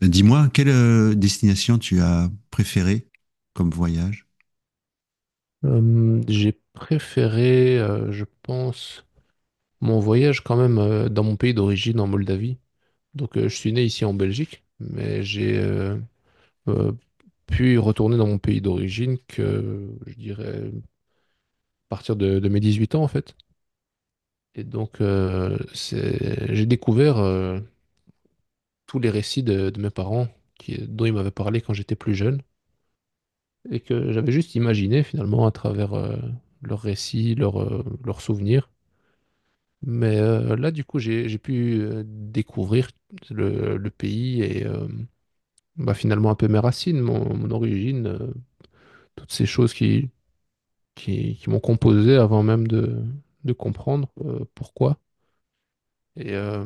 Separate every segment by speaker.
Speaker 1: Dis-moi, quelle destination tu as préférée comme voyage?
Speaker 2: J'ai préféré, je pense, mon voyage quand même dans mon pays d'origine, en Moldavie. Donc, je suis né ici en Belgique, mais j'ai euh, pu retourner dans mon pays d'origine que, je dirais, à partir de mes 18 ans, en fait. Et donc, j'ai découvert tous les récits de mes parents qui, dont ils m'avaient parlé quand j'étais plus jeune et que j'avais juste imaginé finalement à travers leurs récits, leurs souvenirs. Mais là, du coup, j'ai pu découvrir le pays et bah, finalement un peu mes racines, mon origine, toutes ces choses qui m'ont composé avant même de comprendre pourquoi. Et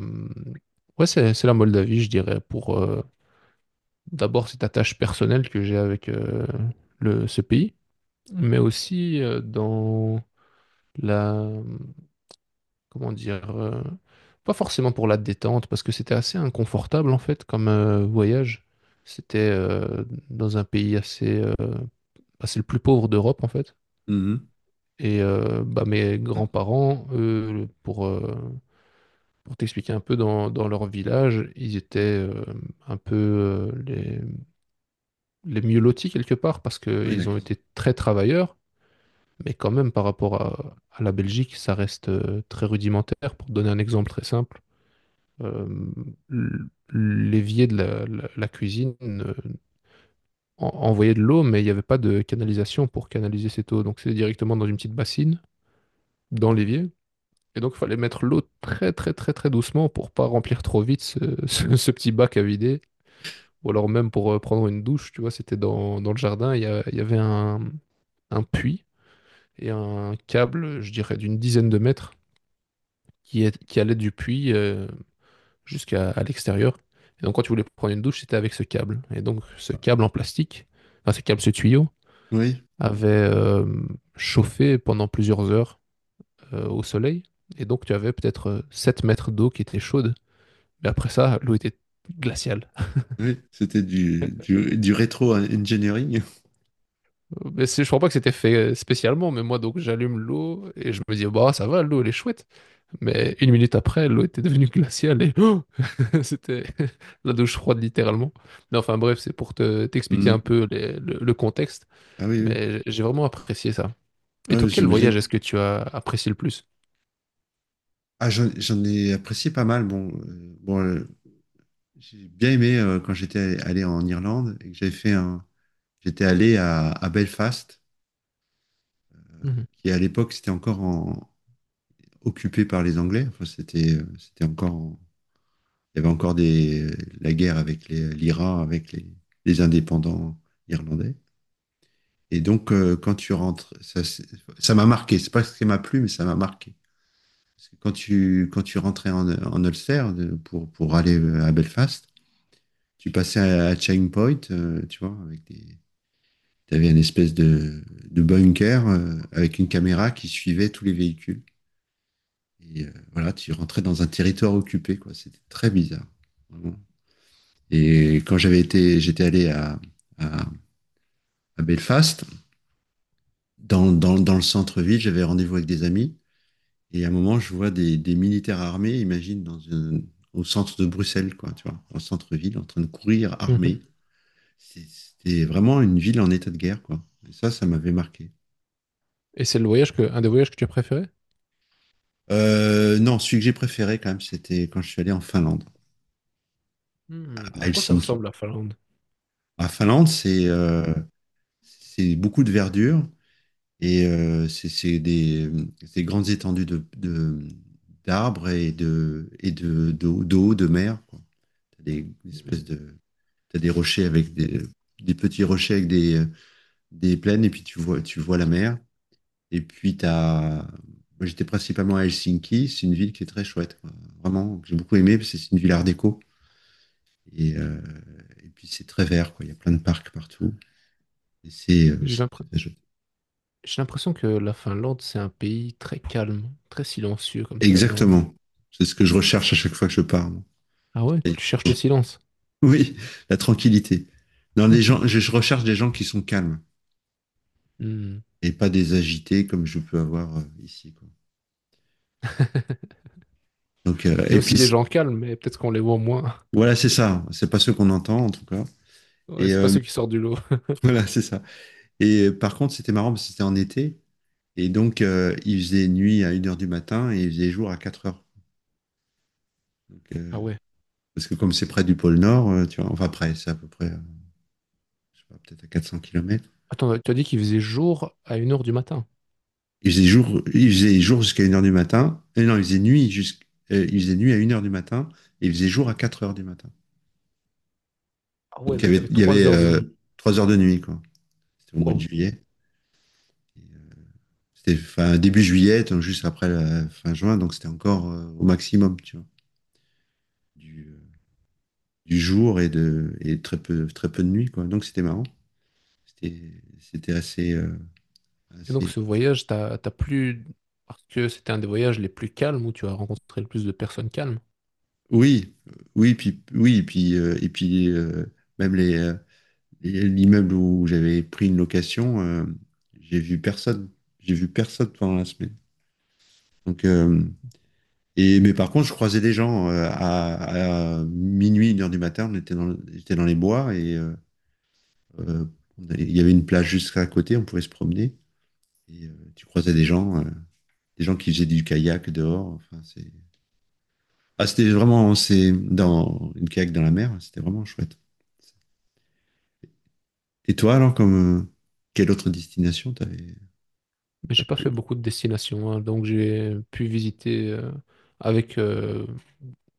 Speaker 2: ouais, c'est la Moldavie, je dirais, pour d'abord cette attache personnelle que j'ai avec ce pays, mais aussi dans la, comment dire, pas forcément pour la détente, parce que c'était assez inconfortable en fait comme voyage. C'était dans un pays assez, bah, c'est le plus pauvre d'Europe en fait.
Speaker 1: Mhm.
Speaker 2: Et bah, mes grands-parents, eux, pour t'expliquer un peu dans leur village, ils étaient un peu les mieux lotis quelque part parce
Speaker 1: Oui,
Speaker 2: qu'ils ont
Speaker 1: d'accord.
Speaker 2: été très travailleurs, mais quand même par rapport à la Belgique, ça reste très rudimentaire. Pour te donner un exemple très simple, euh, l- l'évier de la cuisine envoyait de l'eau, mais il n'y avait pas de canalisation pour canaliser cette eau. Donc c'était directement dans une petite bassine, dans l'évier. Et donc il fallait mettre l'eau très très très très doucement pour pas remplir trop vite ce, ce petit bac à vider. Ou alors même pour prendre une douche, tu vois, c'était dans le jardin, il y avait un puits et un câble, je dirais, d'une dizaine de mètres qui allait du puits jusqu'à à l'extérieur. Et donc, quand tu voulais prendre une douche, c'était avec ce câble. Et donc, ce câble en plastique, enfin, ce câble, ce tuyau,
Speaker 1: Oui,
Speaker 2: avait chauffé pendant plusieurs heures au soleil. Et donc, tu avais peut-être 7 mètres d'eau qui était chaude. Mais après ça, l'eau était glaciale.
Speaker 1: oui, c'était du rétro-engineering.
Speaker 2: Je crois pas que c'était fait spécialement. Mais moi, donc, j'allume l'eau et je me dis, bah, ça va, l'eau, elle est chouette. Mais une minute après, l'eau était devenue glaciale et c'était la douche froide, littéralement. Mais enfin, bref, c'est pour te, t'expliquer un
Speaker 1: Mhm.
Speaker 2: peu le contexte.
Speaker 1: Ah oui, oui.
Speaker 2: Mais j'ai vraiment apprécié ça. Et
Speaker 1: Ah
Speaker 2: toi,
Speaker 1: oui,
Speaker 2: quel
Speaker 1: j'imagine.
Speaker 2: voyage est-ce que tu as apprécié le plus?
Speaker 1: Ah, j'en ai apprécié pas mal. Bon, j'ai bien aimé quand j'étais allé en Irlande et que j'avais fait un. J'étais allé à Belfast,
Speaker 2: Mhm.
Speaker 1: qui à l'époque c'était encore en- occupé par les Anglais. Enfin, c'était c'était encore en- Il y avait encore des, la guerre avec les- l'IRA, avec les indépendants irlandais. Et donc, quand tu rentres, ça c'est- ça m'a marqué. C'est pas ce qui m'a plu, mais ça m'a marqué. Parce que quand tu rentrais en Ulster de- pour aller à Belfast, tu passais à Chain Point, tu vois, avec des, t'avais une espèce de bunker avec une caméra qui suivait tous les véhicules. Et voilà, tu rentrais dans un territoire occupé, quoi. C'était très bizarre. Vraiment. Et quand j'avais été, j'étais allé à, à Belfast, dans le centre-ville, j'avais rendez-vous avec des amis. Et à un moment, je vois des militaires armés, imagine, dans une- au centre de Bruxelles, quoi, tu vois, en centre-ville, en train de courir
Speaker 2: Mhm.
Speaker 1: armés. C'est- C'était vraiment une ville en état de guerre, quoi. Et ça m'avait marqué.
Speaker 2: Et c'est le voyage que, un des voyages que tu as préféré?
Speaker 1: Non, celui que j'ai préféré, quand même, c'était quand je suis allé en Finlande,
Speaker 2: Hmm,
Speaker 1: à
Speaker 2: à quoi ça
Speaker 1: Helsinki.
Speaker 2: ressemble la Finlande?
Speaker 1: À Finlande, c'est beaucoup de verdure. Et c'est des, c'est grandes étendues de- d'arbres et de, d'eau, d'eau, de mer, quoi. T'as des
Speaker 2: Hmm,
Speaker 1: espèces de, t'as des rochers avec des petits rochers avec des plaines, et puis tu vois la mer. Et puis t'as, moi j'étais principalement à Helsinki, c'est une ville qui est très chouette, quoi. Vraiment, que j'ai beaucoup aimé, parce que c'est une ville art déco. Et et puis c'est très vert, quoi. Il y a plein de parcs partout. Et
Speaker 2: J'ai
Speaker 1: c'est
Speaker 2: l'impr-
Speaker 1: très chouette.
Speaker 2: j'ai l'impression que la Finlande, c'est un pays très calme, très silencieux comme ça. Dans.
Speaker 1: Exactement. C'est ce que je recherche à chaque fois que je pars.
Speaker 2: Ah ouais, tu cherches le silence.
Speaker 1: Oui, la tranquillité. Non, les gens, je recherche des gens qui sont calmes
Speaker 2: Hmm.
Speaker 1: et pas des agités comme je peux avoir ici, quoi. Donc,
Speaker 2: Il y a
Speaker 1: et
Speaker 2: aussi
Speaker 1: puis,
Speaker 2: des
Speaker 1: c-
Speaker 2: gens calmes, mais peut-être qu'on les voit moins.
Speaker 1: voilà, c'est ça. C'est pas ce qu'on entend, en tout cas.
Speaker 2: Ouais,
Speaker 1: Et
Speaker 2: c'est pas ceux qui sortent du lot.
Speaker 1: voilà, c'est ça. Et par contre, c'était marrant parce que c'était en été. Et donc, il faisait nuit à 1 heure du matin et il faisait jour à 4 heures. Donc,
Speaker 2: Ah ouais.
Speaker 1: parce que comme c'est près du pôle Nord, tu vois, enfin, près, c'est à peu près, je sais pas, peut-être à 400 kilomètres.
Speaker 2: Attends, tu as dit qu'il faisait jour à une heure du matin.
Speaker 1: Il faisait jour jusqu'à 1 heure du matin. Et non, il faisait nuit jusqu'- il faisait nuit à une heure du matin et il faisait jour à 4 heures du matin.
Speaker 2: Ah ouais,
Speaker 1: Donc
Speaker 2: donc t'avais
Speaker 1: il y avait
Speaker 2: 3 heures de nuit.
Speaker 1: 3 heures de nuit, quoi. C'était au mois de
Speaker 2: Wow.
Speaker 1: juillet. Et, euh, C'était fin, début juillet, donc juste après la fin juin, donc c'était encore au maximum, tu vois, du, euh, du jour et de et très peu de nuit, quoi. Donc c'était marrant. C'était assez,
Speaker 2: Et donc
Speaker 1: assez.
Speaker 2: ce voyage, t'as plus. Parce que c'était un des voyages les plus calmes où tu as rencontré le plus de personnes calmes.
Speaker 1: Oui, oui, puis oui, et puis même les Et l'immeuble où j'avais pris une location, j'ai vu personne. J'ai vu personne pendant la semaine. Donc, et, mais par contre, je croisais des gens à minuit, 1 heure du matin. On était dans, le- j'étais dans les bois et euh, on allait- il y avait une plage juste à côté. On pouvait se promener. Et tu croisais des gens qui faisaient du kayak dehors. Enfin, c'est, ah, c'était vraiment, c'est dans une kayak dans la mer. C'était vraiment chouette. Et toi, alors, comme quelle autre destination t'avais?
Speaker 2: Mais j'ai pas fait beaucoup de destinations, hein. Donc j'ai pu visiter avec euh,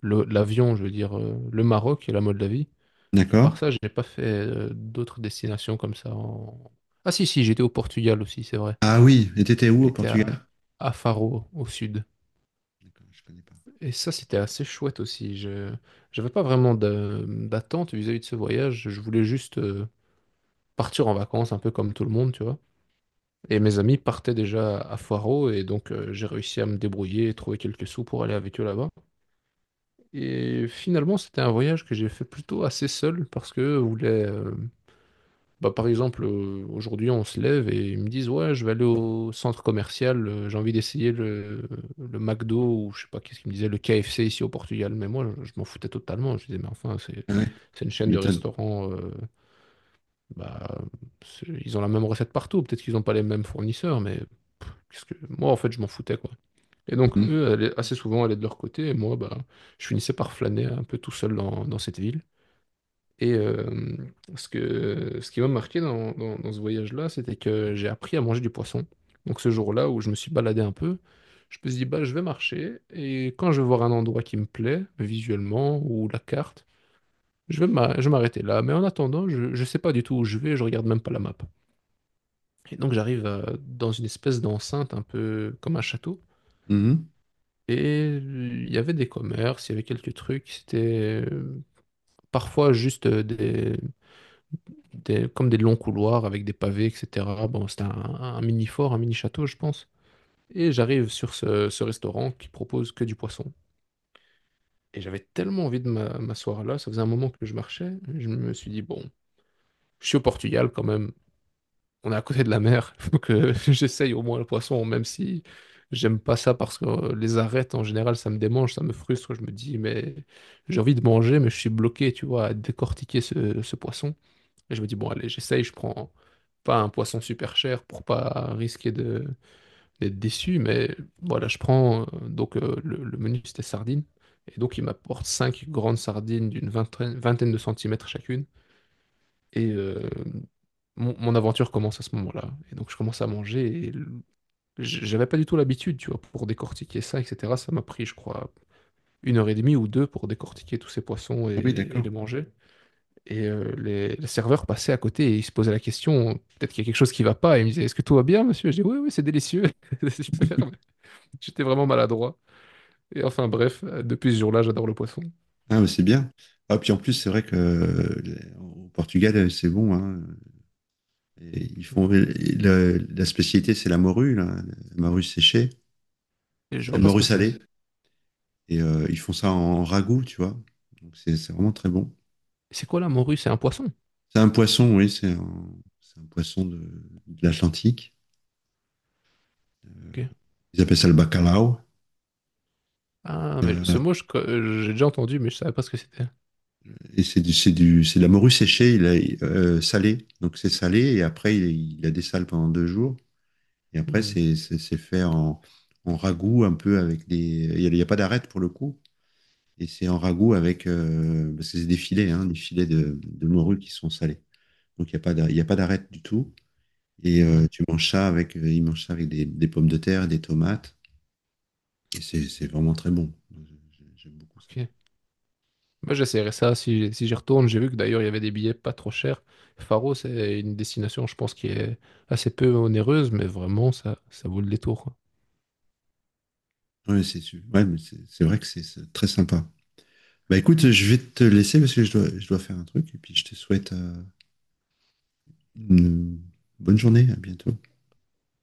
Speaker 2: le- l'avion, je veux dire, le Maroc et la Moldavie. À part
Speaker 1: D'accord?
Speaker 2: ça, j'ai pas fait d'autres destinations comme ça. Ah si, si, j'étais au Portugal aussi, c'est vrai.
Speaker 1: Ah oui, et t'étais où au
Speaker 2: J'étais
Speaker 1: Portugal?
Speaker 2: à Faro, au sud.
Speaker 1: D'accord, je connais pas.
Speaker 2: Et ça, c'était assez chouette aussi. Je j'avais pas vraiment d'attente vis-à-vis de ce voyage. Je voulais juste partir en vacances un peu comme tout le monde, tu vois. Et mes amis partaient déjà à Faro et donc j'ai réussi à me débrouiller et trouver quelques sous pour aller avec eux là-bas. Et finalement, c'était un voyage que j'ai fait plutôt assez seul parce que voulait bah, par exemple, aujourd'hui, on se lève et ils me disent, ouais, je vais aller au centre commercial, j'ai envie d'essayer le McDo ou je sais pas qu'est-ce qu'ils me disaient, le KFC ici au Portugal. Mais moi, je m'en foutais totalement. Je disais, mais enfin,
Speaker 1: Ah ouais,
Speaker 2: c'est une
Speaker 1: tu
Speaker 2: chaîne de
Speaker 1: m'étonnes.
Speaker 2: restaurants. Bah, ils ont la même recette partout. Peut-être qu'ils n'ont pas les mêmes fournisseurs, mais pff, qu'est-ce que moi, en fait, je m'en foutais, quoi. Et donc,
Speaker 1: Mhm.
Speaker 2: eux, assez souvent, allaient de leur côté. Et moi, bah, je finissais par flâner un peu tout seul dans cette ville. Et ce qui m'a marqué dans ce voyage-là, c'était que j'ai appris à manger du poisson. Donc, ce jour-là où je me suis baladé un peu, je me suis dit, bah, je vais marcher. Et quand je vais voir un endroit qui me plaît, visuellement, ou la carte, je vais m'arrêter là. Mais en attendant, je ne sais pas du tout où je vais. Je regarde même pas la map. Et donc j'arrive dans une espèce d'enceinte un peu comme un château.
Speaker 1: Mhm.
Speaker 2: Et il y avait des commerces, il y avait quelques trucs. C'était parfois juste comme des longs couloirs avec des pavés, etc. Bon, c'était un mini fort, un mini château, je pense. Et j'arrive sur ce restaurant qui propose que du poisson. Et j'avais tellement envie de m'asseoir là, ça faisait un moment que je marchais. Je me suis dit, bon, je suis au Portugal quand même, on est à côté de la mer. Il faut que j'essaye au moins le poisson, même si j'aime pas ça parce que les arêtes, en général, ça me démange, ça me frustre. Je me dis, mais j'ai envie de manger, mais je suis bloqué, tu vois, à décortiquer ce poisson. Et je me dis, bon, allez, j'essaye, je prends pas un poisson super cher pour pas risquer d'être déçu, mais voilà, je prends. Donc, le menu, c'était sardines. Et donc, il m'apporte cinq grandes sardines d'une vingtaine de centimètres chacune. Et mon aventure commence à ce moment-là. Et donc, je commence à manger. Et j'avais pas du tout l'habitude, tu vois, pour décortiquer ça, etc. Ça m'a pris, je crois, une heure et demie ou deux pour décortiquer tous ces poissons
Speaker 1: Oui,
Speaker 2: et
Speaker 1: d'accord.
Speaker 2: les manger. Et les serveurs passaient à côté et ils se posaient la question, peut-être qu'il y a quelque chose qui va pas. Et ils me disaient, est-ce que tout va bien, monsieur? Je dis, oui, oui, c'est délicieux. C'est super, mais j'étais vraiment maladroit. Et enfin, bref, depuis ce jour-là, j'adore le poisson.
Speaker 1: Ah, mais c'est bien. Ah, puis en plus, c'est vrai que les- au Portugal, c'est bon, hein. Et ils font et le- la spécialité, c'est la morue, là, la morue séchée,
Speaker 2: Et je
Speaker 1: c'est la
Speaker 2: vois pas ce
Speaker 1: morue
Speaker 2: que c'est.
Speaker 1: salée. Et ils font ça en ragoût, tu vois. Donc c'est vraiment très bon.
Speaker 2: C'est quoi là, morue? C'est un poisson.
Speaker 1: C'est un poisson, oui, c'est un poisson de l'Atlantique.
Speaker 2: Ok.
Speaker 1: Ils appellent ça le bacalao.
Speaker 2: Ah, mais ce
Speaker 1: Euh,
Speaker 2: mot, j'ai déjà entendu, mais je savais pas ce que c'était.
Speaker 1: Et c'est c'est de la morue séchée, il a, salée. Donc c'est salé et après il a des sales pendant 2 jours. Et après
Speaker 2: Hmm.
Speaker 1: c'est fait en, en ragoût un peu avec des. Il y a pas d'arête pour le coup. Et c'est en ragoût avec, parce que c'est des filets, hein, des filets de morue qui sont salés. Donc il n'y a pas d'ar- il y a pas d'arête du tout. Et
Speaker 2: Hmm.
Speaker 1: tu manges ça avec, il mange ça avec des pommes de terre, des tomates. Et c'est vraiment très bon. J'aime beaucoup ça.
Speaker 2: Ok. Moi, j'essaierai ça si j'y retourne. J'ai vu que d'ailleurs, il y avait des billets pas trop chers. Faro, c'est une destination, je pense, qui est assez peu onéreuse, mais vraiment, ça vaut le détour, quoi.
Speaker 1: Ouais, c'est su- ouais, mais c'est vrai que c'est très sympa. Bah écoute, je vais te laisser parce que je dois faire un truc et puis je te souhaite une bonne journée. À bientôt.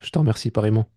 Speaker 2: Je t'en remercie pareillement.